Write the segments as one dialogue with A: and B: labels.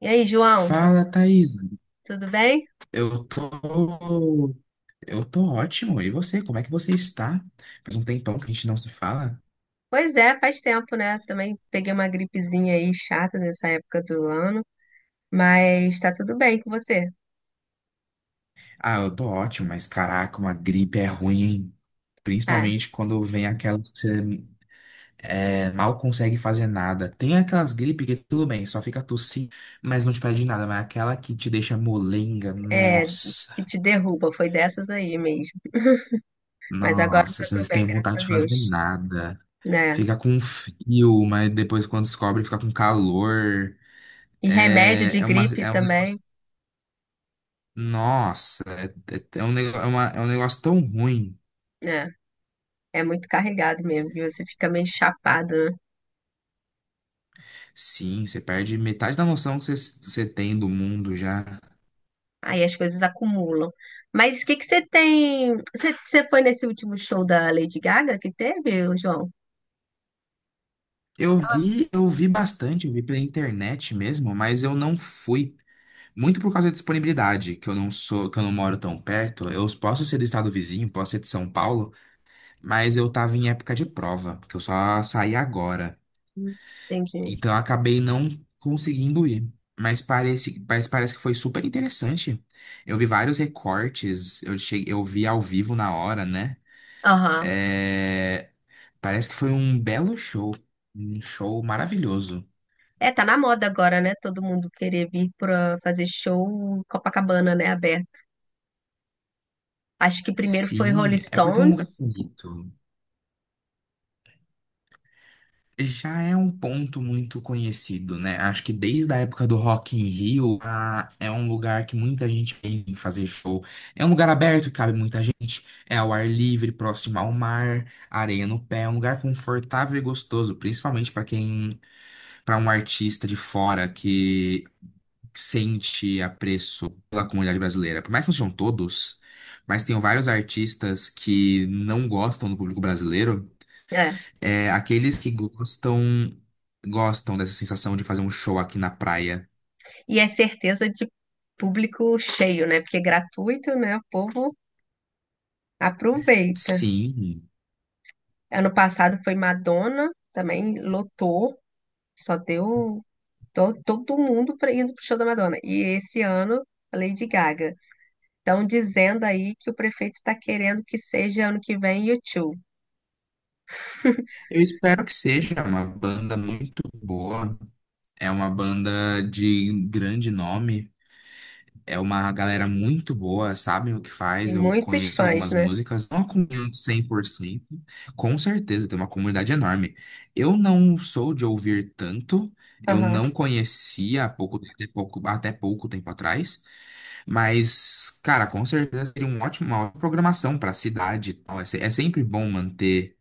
A: E aí, João,
B: Fala, Thaís.
A: tudo bem?
B: Eu tô, eu tô ótimo. E você, como é que você está? Faz um tempão que a gente não se fala.
A: Pois é, faz tempo, né? Também peguei uma gripezinha aí chata nessa época do ano, mas tá tudo bem com você.
B: Ah, eu tô ótimo, mas caraca, uma gripe é ruim, hein?
A: Ah,
B: Principalmente quando vem aquela que você mal consegue fazer nada. Tem aquelas gripes que tudo bem, só fica tossindo, mas não te pede nada. Mas aquela que te deixa molenga,
A: é,
B: nossa,
A: que te derruba, foi dessas aí mesmo. Mas agora eu
B: nossa,
A: já
B: você
A: tô
B: não
A: bem,
B: tem
A: graças
B: vontade
A: a
B: de fazer
A: Deus,
B: nada.
A: né?
B: Fica com frio, mas depois quando descobre fica com calor.
A: E remédio
B: É,
A: de
B: é uma,
A: gripe
B: é um
A: também,
B: negócio. Nossa, é um negócio tão ruim.
A: né? É muito carregado mesmo, e você fica meio chapado, né?
B: Sim, você perde metade da noção que você tem do mundo já.
A: Aí as coisas acumulam. Mas o que que você tem? Você foi nesse último show da Lady Gaga que teve, João?
B: Eu vi bastante, eu vi pela internet mesmo, mas eu não fui. Muito por causa da disponibilidade, que eu não moro tão perto. Eu posso ser do estado vizinho, posso ser de São Paulo, mas eu tava em época de prova, porque eu só saí agora.
A: Hum. Entendi.
B: Então eu acabei não conseguindo ir. Mas parece que foi super interessante. Eu vi vários recortes, eu vi ao vivo na hora, né?
A: Aham.
B: É, parece que foi um belo show, um show maravilhoso.
A: É, tá na moda agora, né? Todo mundo querer vir pra fazer show em Copacabana, né? Aberto. Acho que primeiro foi
B: Sim,
A: Rolling
B: é porque é um
A: Stones,
B: lugar bonito. Já é um ponto muito conhecido, né? Acho que desde a época do Rock in Rio, é um lugar que muita gente pensa em fazer show. É um lugar aberto, cabe muita gente, é ao ar livre, próximo ao mar, areia no pé, é um lugar confortável e gostoso, principalmente para um artista de fora que sente apreço pela comunidade brasileira. Por mais que não sejam todos, mas tem vários artistas que não gostam do público brasileiro.
A: é.
B: É, aqueles que gostam gostam dessa sensação de fazer um show aqui na praia.
A: E é certeza de público cheio, né? Porque é gratuito, né? O povo aproveita.
B: Sim,
A: Ano passado foi Madonna, também lotou, só deu todo mundo indo pro show da Madonna. E esse ano, a Lady Gaga. Estão dizendo aí que o prefeito está querendo que seja ano que vem YouTube.
B: eu espero que seja uma banda muito boa. É uma banda de grande nome. É uma galera muito boa, sabem o que
A: Tem
B: faz. Eu
A: muitos
B: conheço
A: fãs,
B: algumas
A: né?
B: músicas, não acompanho 100%. Com certeza, tem uma comunidade enorme. Eu não sou de ouvir tanto. Eu
A: Aham.
B: não conhecia há pouco, até pouco, até pouco tempo atrás. Mas, cara, com certeza seria uma ótima programação para a cidade e tal. É, é sempre bom manter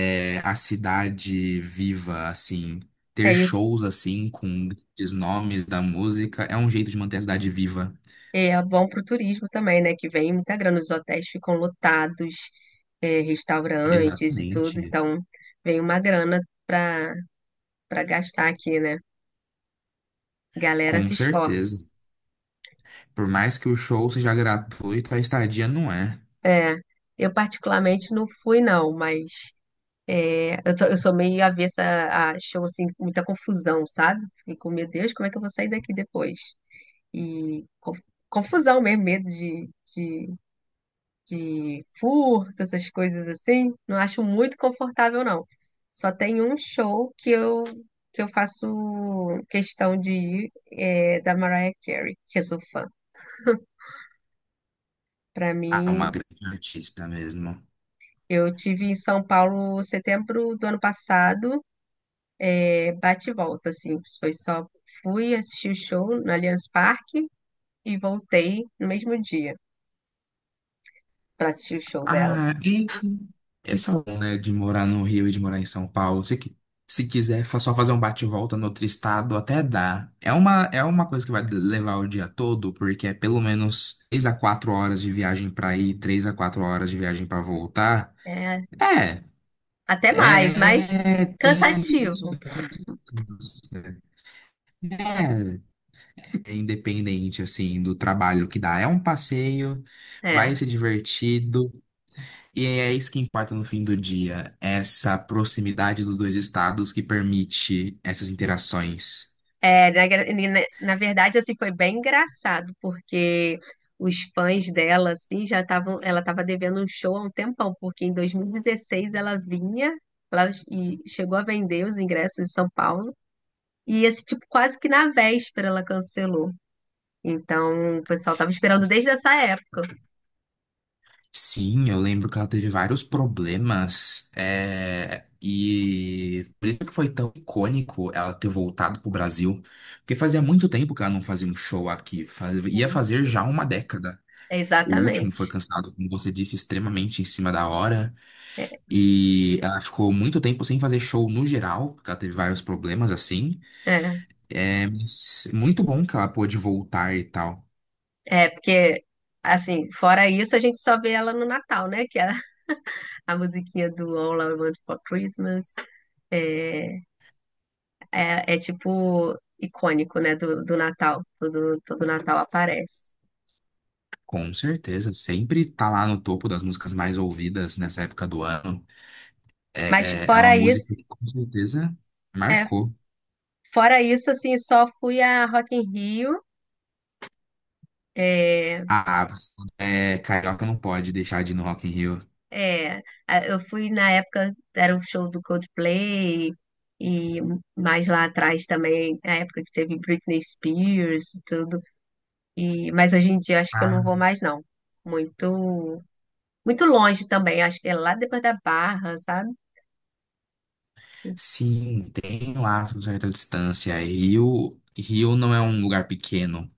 B: a cidade viva, assim, ter
A: É.
B: shows assim com grandes nomes da música é um jeito de manter a cidade viva.
A: É é bom para o turismo também, né? Que vem muita grana, os hotéis ficam lotados, é, restaurantes e tudo,
B: Exatamente.
A: então vem uma grana para para gastar aqui, né? Galera
B: Com
A: se
B: certeza.
A: esforça.
B: Por mais que o show seja gratuito, a estadia não é.
A: É, eu particularmente não fui não, mas é, eu, eu sou meio avessa a show assim, com muita confusão, sabe? Fico, meu Deus, como é que eu vou sair daqui depois? E confusão mesmo, medo de de furto, essas coisas assim, não acho muito confortável, não. Só tem um show que eu faço questão de ir, é, da Mariah Carey, que eu sou fã. Para
B: Ah, uma
A: mim,
B: grande artista mesmo.
A: eu tive em São Paulo setembro do ano passado, é, bate e volta, assim, foi só fui assistir o show no Allianz Parque e voltei no mesmo dia para assistir o show dela.
B: Ah, e assim, esse é bom, né, de morar no Rio e de morar em São Paulo. Se quiser, só fazer um bate volta no outro estado, até dá. É uma coisa que vai levar o dia todo, porque é pelo menos três a quatro horas de viagem pra ir, 3 a 4 horas de viagem pra voltar.
A: É,
B: É,
A: até mais, mas
B: é, tem ali.
A: cansativo.
B: É, é independente, assim, do trabalho que dá. É um passeio, vai
A: É.
B: ser divertido. E é isso que importa no fim do dia, essa proximidade dos dois estados que permite essas interações.
A: É, na, gra- e na- na verdade, assim, foi bem engraçado, porque os fãs dela, assim, já estavam, ela estava devendo um show há um tempão, porque em 2016 ela vinha, ela chegou a vender os ingressos em São Paulo, e esse tipo, quase que na véspera ela cancelou. Então, o pessoal estava esperando desde essa época.
B: Sim, eu lembro que ela teve vários problemas, e por isso que foi tão icônico ela ter voltado pro Brasil, porque fazia muito tempo que ela não fazia um show aqui, ia
A: Sim,
B: fazer já uma década. O último foi
A: exatamente.
B: cancelado, como você disse, extremamente em cima da hora,
A: É,
B: e ela ficou muito tempo sem fazer show no geral, porque ela teve vários problemas assim.
A: é,
B: É muito bom que ela pôde voltar e tal.
A: porque, assim, fora isso, a gente só vê ela no Natal, né? Que é a musiquinha do All I Want for Christmas. É. É, é tipo icônico, né? Do, do Natal. Todo, todo Natal aparece.
B: Com certeza, sempre tá lá no topo das músicas mais ouvidas nessa época do ano.
A: Mas
B: É, é uma
A: fora
B: música
A: isso,
B: que com certeza
A: é,
B: marcou.
A: fora isso, assim, só fui a Rock in Rio. É,
B: Ah, é, Carioca não pode deixar de ir no Rock in Rio.
A: é, eu fui na época, era o show do Coldplay, e mais lá atrás também, a época que teve Britney Spears e tudo. E, mas hoje em dia acho que eu não vou
B: Ah,
A: mais, não. Muito, muito longe também, acho que é lá depois da Barra, sabe?
B: sim, tem lá uma certa distância. Rio, Rio não é um lugar pequeno.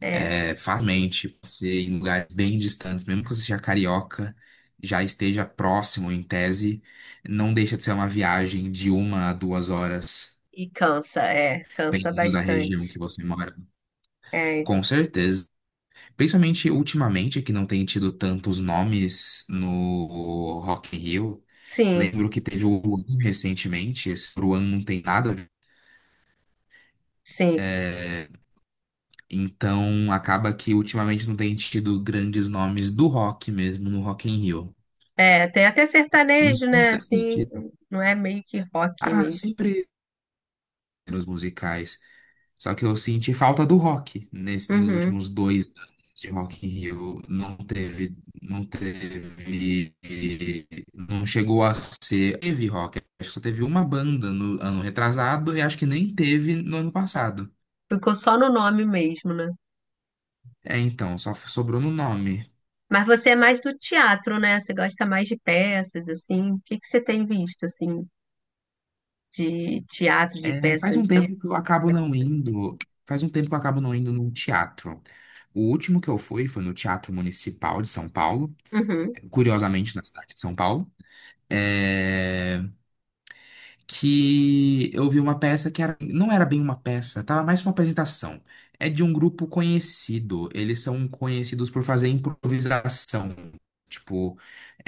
A: É.
B: Farmente, ser em lugares bem distantes, mesmo que você seja carioca, já esteja próximo em tese, não deixa de ser uma viagem de uma a duas horas,
A: E cansa, é, cansa
B: dependendo da região que
A: bastante.
B: você mora.
A: É,
B: Com certeza. Principalmente ultimamente, que não tem tido tantos nomes no Rock in Rio.
A: sim,
B: Lembro que teve o Luan recentemente, esse Luan não tem nada a ver.
A: sim.
B: Então acaba que ultimamente não tem tido grandes nomes do rock mesmo no Rock in Rio.
A: É, tem até sertanejo,
B: Então.
A: né? Assim, não é meio que rock
B: Ah,
A: mesmo.
B: sempre nos musicais. Só que eu senti falta do rock nos
A: Uhum.
B: últimos 2 anos de Rock in Rio. Não teve, não teve, não chegou a ser. Teve rock. Acho que só teve uma banda no ano retrasado e acho que nem teve no ano passado.
A: Ficou só no nome mesmo, né?
B: É, então, só sobrou no nome.
A: Mas você é mais do teatro, né? Você gosta mais de peças, assim. O que que você tem visto, assim, de teatro, de
B: É,
A: peça
B: faz
A: em
B: um
A: São...
B: tempo que eu acabo não indo. Faz um tempo que eu acabo não indo num teatro. O último que eu fui foi no Teatro Municipal de São Paulo,
A: Uhum.
B: curiosamente na cidade de São Paulo. é, que eu vi uma peça que era, não era bem uma peça, tava mais uma apresentação. É de um grupo conhecido. Eles são conhecidos por fazer improvisação. Tipo,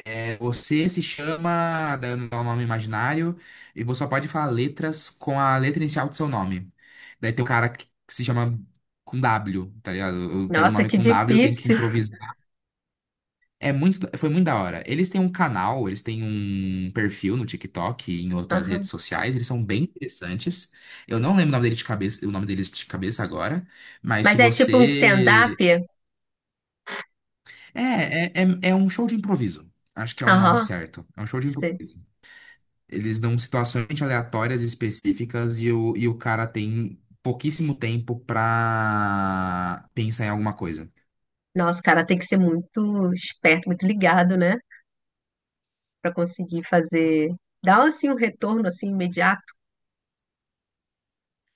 B: você se chama, dando um nome imaginário, e você só pode falar letras com a letra inicial do seu nome. Daí tem um cara que se chama com W, tá ligado? Eu pego o
A: Nossa,
B: nome
A: que
B: com W, tem que
A: difícil.
B: improvisar. Foi muito da hora. Eles têm um canal, eles têm um perfil no TikTok e em outras
A: Aham.
B: redes sociais, eles são bem interessantes. Eu não lembro o nome dele de cabeça, o nome deles de cabeça agora, mas se
A: Mas é tipo um stand-up?
B: você. É, é um show de improviso. Acho que é o nome
A: Aham.
B: certo. É um show de
A: Sei.
B: improviso. Eles dão situações aleatórias e específicas e o cara tem pouquíssimo tempo pra pensar em alguma coisa.
A: Nossa, o cara tem que ser muito esperto, muito ligado, né? Para conseguir fazer, dar assim um retorno assim imediato,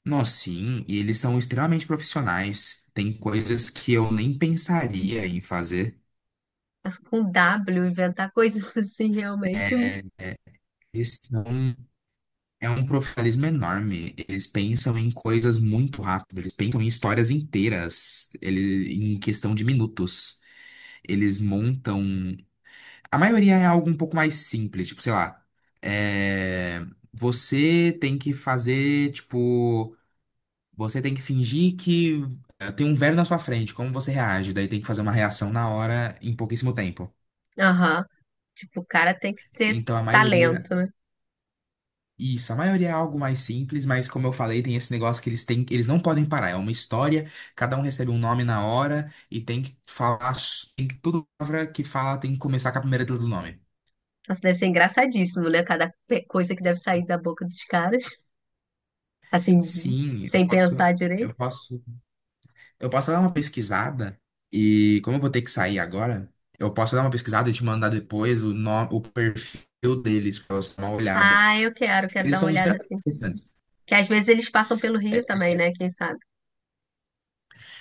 B: Nossa, sim, e eles são extremamente profissionais. Tem coisas que eu nem pensaria em fazer.
A: mas com W inventar coisas assim realmente.
B: Eles são, é um profissionalismo enorme. Eles pensam em coisas muito rápido, eles pensam em histórias inteiras, em questão de minutos. Eles montam. A maioria é algo um pouco mais simples, tipo, sei lá. é, Você tem que fazer, tipo. Você tem que fingir que tem um velho na sua frente, como você reage? Daí tem que fazer uma reação na hora, em pouquíssimo tempo.
A: Aham. Tipo, o cara tem que ter
B: Então,
A: talento, né?
B: isso, a maioria é algo mais simples, mas como eu falei, tem esse negócio que eles têm, eles não podem parar. É uma história, cada um recebe um nome na hora e tem que falar, tem que toda palavra que fala tem que começar com a primeira letra do nome.
A: Nossa, deve ser engraçadíssimo, né? Cada coisa que deve sair da boca dos caras, assim,
B: Sim,
A: sem pensar
B: eu
A: direito.
B: posso Eu posso dar uma pesquisada e, como eu vou ter que sair agora, eu posso dar uma pesquisada e te mandar depois o, no- o perfil deles pra você dar uma olhada.
A: Ah, quero
B: Eles
A: dar uma
B: são
A: olhada
B: extremamente
A: assim.
B: interessantes.
A: Que às vezes eles passam pelo Rio também, né? Quem sabe?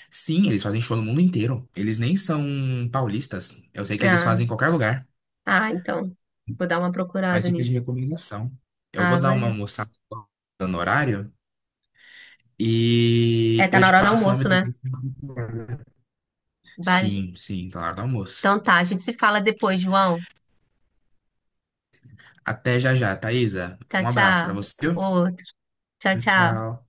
B: Sim, eles fazem show no mundo inteiro. Eles nem são paulistas. Eu sei que eles
A: Ah,
B: fazem em qualquer lugar,
A: então. Vou dar uma
B: mas
A: procurada
B: fica de
A: nisso.
B: recomendação. Eu vou
A: Ah,
B: dar uma
A: valeu.
B: almoçada no horário
A: É,
B: e
A: tá
B: eu
A: na
B: te
A: hora do
B: passo o nome
A: almoço, né?
B: deles.
A: Vale.
B: Sim, sim, tá na hora do almoço.
A: Então tá, a gente se fala depois, João.
B: Até já já, Thaisa.
A: Tchau,
B: Um abraço pra
A: tchau.
B: você.
A: Outro. Tchau, tchau.
B: Tchau.